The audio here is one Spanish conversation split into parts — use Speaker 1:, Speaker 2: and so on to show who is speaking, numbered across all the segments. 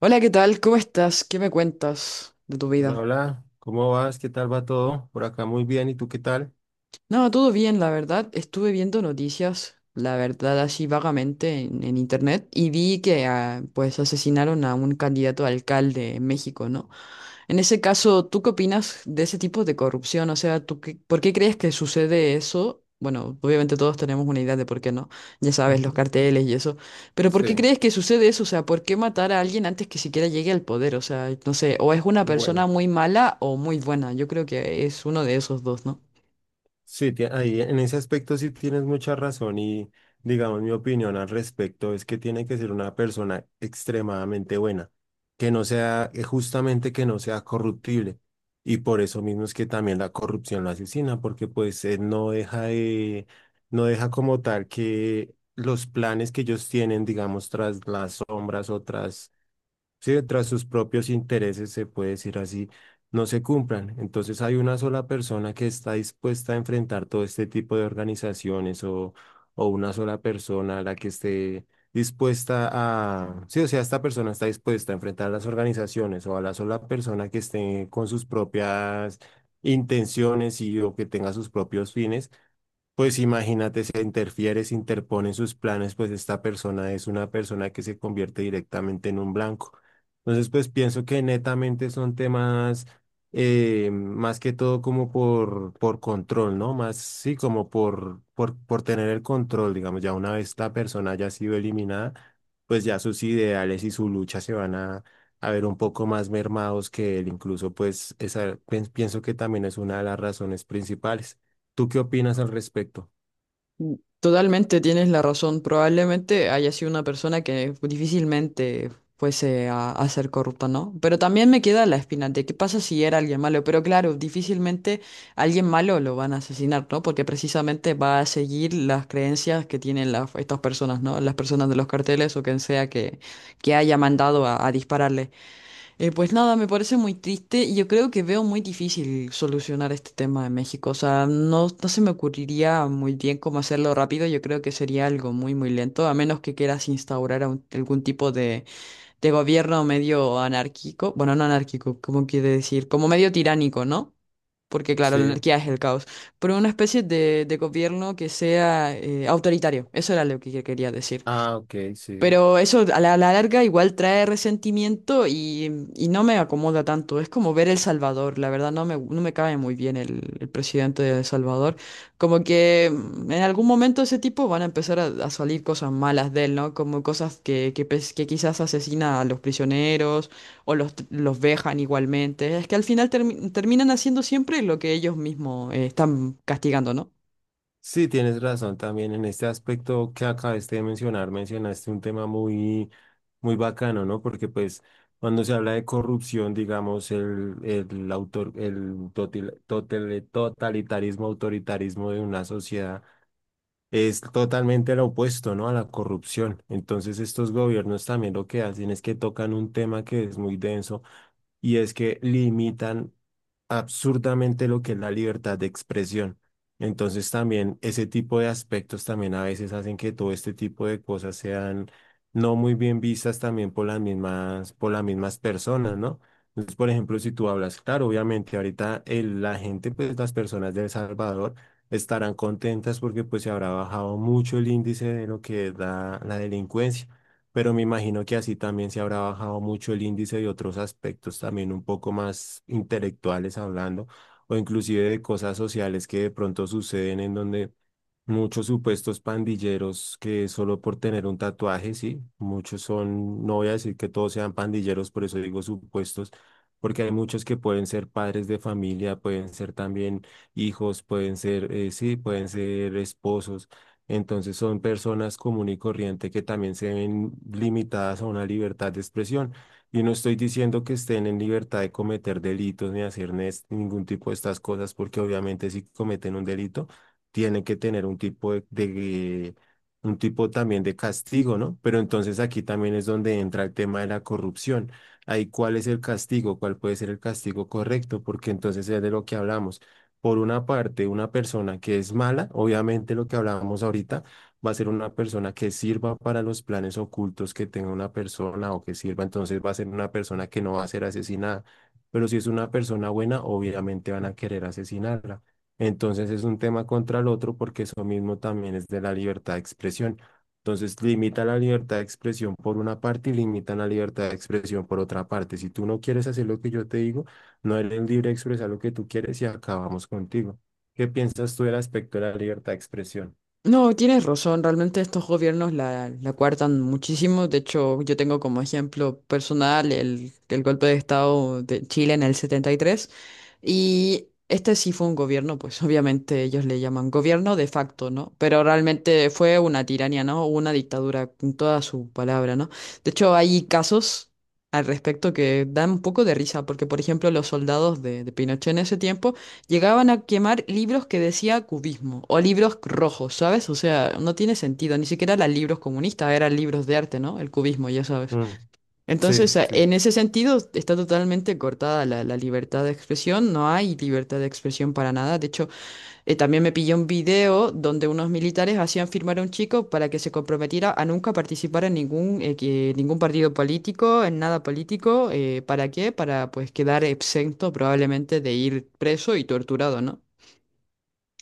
Speaker 1: Hola, ¿qué tal? ¿Cómo estás? ¿Qué me cuentas de tu
Speaker 2: Hola,
Speaker 1: vida?
Speaker 2: hola, ¿cómo vas? ¿Qué tal va todo? Por acá muy bien, ¿y tú qué tal?
Speaker 1: No, todo bien, la verdad. Estuve viendo noticias, la verdad, así vagamente en internet y vi que ah, pues asesinaron a un candidato a alcalde en México, ¿no? En ese caso, ¿tú qué opinas de ese tipo de corrupción? O sea, ¿por qué crees que sucede eso? Bueno, obviamente todos tenemos una idea de por qué no, ya sabes, los
Speaker 2: Ujú.
Speaker 1: carteles y eso, pero ¿por qué
Speaker 2: Sí,
Speaker 1: crees que sucede eso? O sea, ¿por qué matar a alguien antes que siquiera llegue al poder? O sea, no sé, o es una
Speaker 2: bueno,
Speaker 1: persona muy mala o muy buena, yo creo que es uno de esos dos, ¿no?
Speaker 2: sí, ahí en ese aspecto sí tienes mucha razón y digamos mi opinión al respecto es que tiene que ser una persona extremadamente buena, que no sea, justamente que no sea corruptible y por eso mismo es que también la corrupción la asesina porque pues no deja de, no deja como tal que los planes que ellos tienen, digamos, tras las sombras o tras. Sí, tras sus propios intereses, se puede decir así, no se cumplan. Entonces hay una sola persona que está dispuesta a enfrentar todo este tipo de organizaciones o una sola persona a la que esté dispuesta a... Sí, o sea, esta persona está dispuesta a enfrentar las organizaciones o a la sola persona que esté con sus propias intenciones y o que tenga sus propios fines, pues imagínate, se interfiere, se interpone en sus planes, pues esta persona es una persona que se convierte directamente en un blanco. Entonces, pues pienso que netamente son temas, más que todo como por control, ¿no? Más, sí, como por tener el control, digamos, ya una vez la persona haya sido eliminada, pues ya sus ideales y su lucha se van a ver un poco más mermados que él, incluso, pues pienso que también es una de las razones principales. ¿Tú qué opinas al respecto?
Speaker 1: Totalmente tienes la razón. Probablemente haya sido una persona que difícilmente fuese a ser corrupta, ¿no? Pero también me queda la espina de qué pasa si era alguien malo. Pero claro, difícilmente alguien malo lo van a asesinar, ¿no? Porque precisamente va a seguir las creencias que tienen las, estas personas, ¿no? Las personas de los carteles o quien sea que haya mandado a dispararle. Pues nada, me parece muy triste y yo creo que veo muy difícil solucionar este tema en México. O sea, no, no se me ocurriría muy bien cómo hacerlo rápido. Yo creo que sería algo muy, muy lento, a menos que quieras instaurar algún tipo de gobierno medio anárquico. Bueno, no anárquico, ¿cómo quiere decir? Como medio tiránico, ¿no? Porque claro, la
Speaker 2: Sí.
Speaker 1: anarquía es el caos. Pero una especie de gobierno que sea autoritario. Eso era lo que yo quería decir.
Speaker 2: Ah, ok, sí.
Speaker 1: Pero eso a la larga igual trae resentimiento y no me acomoda tanto. Es como ver El Salvador. La verdad no me cae muy bien el presidente de El Salvador. Como que en algún momento ese tipo van a empezar a salir cosas malas de él, ¿no? Como cosas que quizás asesina a los prisioneros o los vejan igualmente. Es que al final terminan haciendo siempre lo que ellos mismos están castigando, ¿no?
Speaker 2: Sí, tienes razón también en este aspecto que acabaste de mencionar, mencionaste un tema muy, muy bacano, ¿no? Porque pues cuando se habla de corrupción, digamos, el autor, el totalitarismo, autoritarismo de una sociedad es totalmente lo opuesto, ¿no? A la corrupción. Entonces estos gobiernos también lo que hacen es que tocan un tema que es muy denso y es que limitan absurdamente lo que es la libertad de expresión. Entonces también ese tipo de aspectos también a veces hacen que todo este tipo de cosas sean no muy bien vistas también por por las mismas personas, ¿no? Entonces, por ejemplo, si tú hablas, claro, obviamente ahorita la gente, pues las personas de El Salvador estarán contentas porque pues se habrá bajado mucho el índice de lo que es la delincuencia, pero me imagino que así también se habrá bajado mucho el índice de otros aspectos también un poco más intelectuales hablando, o inclusive de cosas sociales que de pronto suceden, en donde muchos supuestos pandilleros que solo por tener un tatuaje, sí, muchos son, no voy a decir que todos sean pandilleros, por eso digo supuestos. Porque hay muchos que pueden ser padres de familia, pueden ser también hijos, pueden ser, sí, pueden ser esposos. Entonces son personas común y corriente que también se ven limitadas a una libertad de expresión. Y no estoy diciendo que estén en libertad de cometer delitos ni hacer ningún tipo de estas cosas, porque obviamente si cometen un delito, tienen que tener un tipo de un tipo también de castigo, ¿no? Pero entonces aquí también es donde entra el tema de la corrupción. Ahí, ¿cuál es el castigo? ¿Cuál puede ser el castigo correcto? Porque entonces es de lo que hablamos. Por una parte, una persona que es mala, obviamente lo que hablábamos ahorita, va a ser una persona que sirva para los planes ocultos que tenga una persona o que sirva, entonces va a ser una persona que no va a ser asesinada. Pero si es una persona buena, obviamente van a querer asesinarla. Entonces es un tema contra el otro porque eso mismo también es de la libertad de expresión. Entonces limita la libertad de expresión por una parte y limitan la libertad de expresión por otra parte. Si tú no quieres hacer lo que yo te digo, no eres libre de expresar lo que tú quieres y acabamos contigo. ¿Qué piensas tú del aspecto de la libertad de expresión?
Speaker 1: No, tienes razón, realmente estos gobiernos la coartan muchísimo. De hecho, yo tengo como ejemplo personal el golpe de Estado de Chile en el 73. Y tres. Y este sí fue un gobierno, pues obviamente ellos le llaman gobierno de facto, ¿no? Pero realmente fue una tiranía, ¿no? Una dictadura con toda su palabra, ¿no? De hecho, hay casos al respecto que dan un poco de risa, porque por ejemplo los soldados de Pinochet en ese tiempo llegaban a quemar libros que decía cubismo o libros rojos, ¿sabes? O sea, no tiene sentido, ni siquiera eran libros comunistas, eran libros de arte, ¿no? El cubismo, ya sabes.
Speaker 2: Mm, sí,
Speaker 1: Entonces,
Speaker 2: sí,
Speaker 1: en ese sentido, está totalmente cortada la libertad de expresión, no hay libertad de expresión para nada. De hecho, también me pilló un video donde unos militares hacían firmar a un chico para que se comprometiera a nunca participar en ningún partido político, en nada político, ¿para qué? Para pues quedar exento probablemente de ir preso y torturado, ¿no?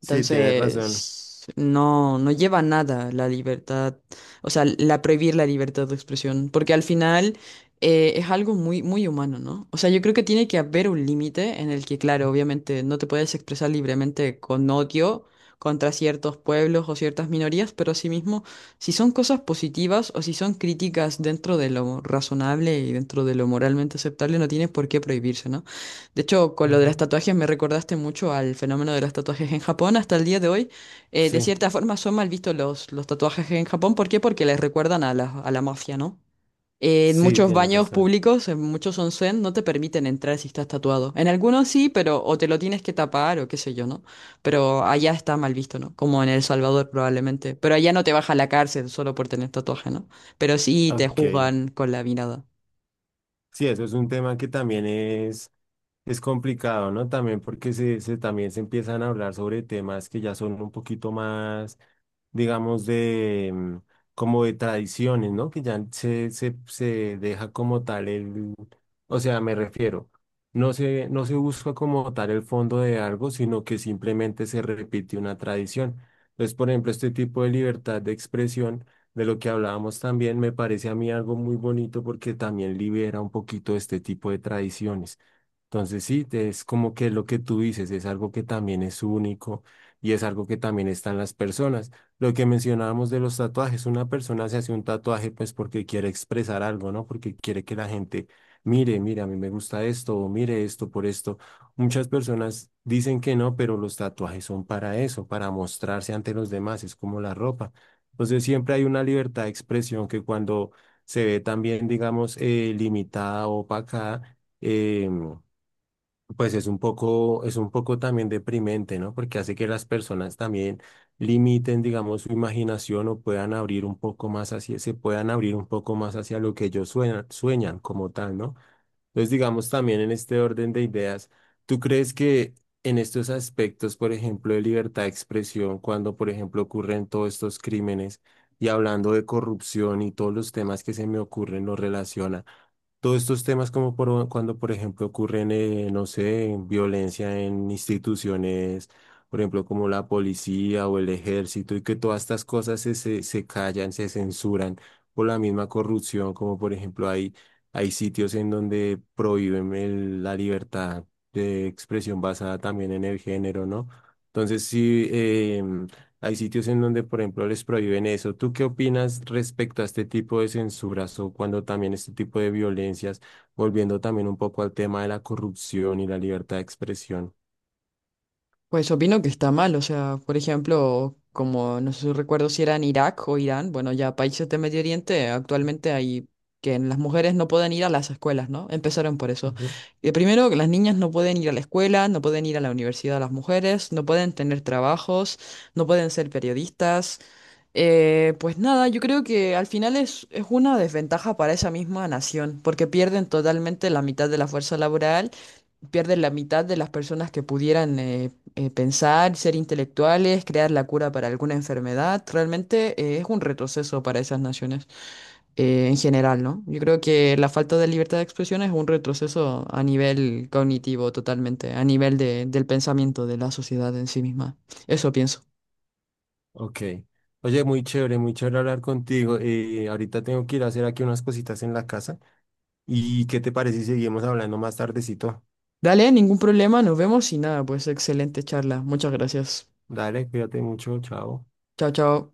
Speaker 2: sí, tienes razón.
Speaker 1: Entonces, no, no lleva a nada la libertad, o sea, la prohibir la libertad de expresión, porque al final es algo muy, muy humano, ¿no? O sea, yo creo que tiene que haber un límite en el que, claro, obviamente no te puedes expresar libremente con odio contra ciertos pueblos o ciertas minorías, pero asimismo, si son cosas positivas o si son críticas dentro de lo razonable y dentro de lo moralmente aceptable, no tienes por qué prohibirse, ¿no? De hecho, con lo de las
Speaker 2: Ujú.
Speaker 1: tatuajes me recordaste mucho al fenómeno de los tatuajes en Japón. Hasta el día de hoy, de
Speaker 2: Sí,
Speaker 1: cierta forma, son mal vistos los tatuajes en Japón. ¿Por qué? Porque les recuerdan a la mafia, ¿no? En
Speaker 2: sí,
Speaker 1: muchos
Speaker 2: tienes
Speaker 1: baños
Speaker 2: razón.
Speaker 1: públicos, en muchos onsen, no te permiten entrar si estás tatuado. En algunos sí, pero o te lo tienes que tapar o qué sé yo, ¿no? Pero allá está mal visto, ¿no? Como en El Salvador probablemente. Pero allá no te baja a la cárcel solo por tener tatuaje, ¿no? Pero sí te
Speaker 2: Ok.
Speaker 1: juzgan con la mirada.
Speaker 2: Sí, eso es un tema que también es. Es complicado, ¿no? También porque también se empiezan a hablar sobre temas que ya son un poquito más, digamos, de como de tradiciones, ¿no? Que ya se deja como tal el, o sea, me refiero, no se busca como tal el fondo de algo, sino que simplemente se repite una tradición. Entonces, por ejemplo, este tipo de libertad de expresión, de lo que hablábamos también, me parece a mí algo muy bonito porque también libera un poquito este tipo de tradiciones. Entonces sí, es como que lo que tú dices es algo que también es único y es algo que también está en las personas. Lo que mencionábamos de los tatuajes, una persona se hace un tatuaje pues porque quiere expresar algo, ¿no? Porque quiere que la gente mire, mire, a mí me gusta esto o mire esto por esto. Muchas personas dicen que no, pero los tatuajes son para eso, para mostrarse ante los demás, es como la ropa. Entonces siempre hay una libertad de expresión que cuando se ve también, digamos, limitada o opacada, pues es un poco también deprimente, ¿no? Porque hace que las personas también limiten, digamos, su imaginación o puedan abrir un poco más hacia, se puedan abrir un poco más hacia lo que ellos sueñan, sueñan como tal, ¿no? Entonces, digamos, también en este orden de ideas, ¿tú crees que en estos aspectos, por ejemplo, de libertad de expresión, cuando, por ejemplo, ocurren todos estos crímenes y hablando de corrupción y todos los temas que se me ocurren, lo relaciona? Todos estos temas como por, cuando, por ejemplo, ocurren, no sé, en violencia en instituciones, por ejemplo, como la policía o el ejército, y que todas estas cosas se callan, se censuran por la misma corrupción, como por ejemplo hay, hay sitios en donde prohíben la libertad de expresión basada también en el género, ¿no? Entonces, sí, hay sitios en donde, por ejemplo, les prohíben eso. ¿Tú qué opinas respecto a este tipo de censuras o cuando también este tipo de violencias, volviendo también un poco al tema de la corrupción y la libertad de expresión?
Speaker 1: Pues opino que está mal, o sea, por ejemplo, como no sé, si recuerdo si era en Irak o Irán, bueno, ya países de Medio Oriente, actualmente hay que las mujeres no pueden ir a las escuelas, ¿no? Empezaron por eso.
Speaker 2: Ujú.
Speaker 1: Y primero, que las niñas no pueden ir a la escuela, no pueden ir a la universidad las mujeres, no pueden tener trabajos, no pueden ser periodistas, pues nada, yo creo que al final es una desventaja para esa misma nación, porque pierden totalmente la mitad de la fuerza laboral, pierden la mitad de las personas que pudieran pensar, ser intelectuales, crear la cura para alguna enfermedad. Realmente es un retroceso para esas naciones en general, ¿no? Yo creo que la falta de libertad de expresión es un retroceso a nivel cognitivo totalmente, a nivel del pensamiento de la sociedad en sí misma. Eso pienso.
Speaker 2: Ok. Oye, muy chévere hablar contigo. Ahorita tengo que ir a hacer aquí unas cositas en la casa. ¿Y qué te parece si seguimos hablando más tardecito?
Speaker 1: Dale, ningún problema, nos vemos y nada, pues excelente charla. Muchas gracias.
Speaker 2: Dale, cuídate mucho, chao.
Speaker 1: Chao, chao.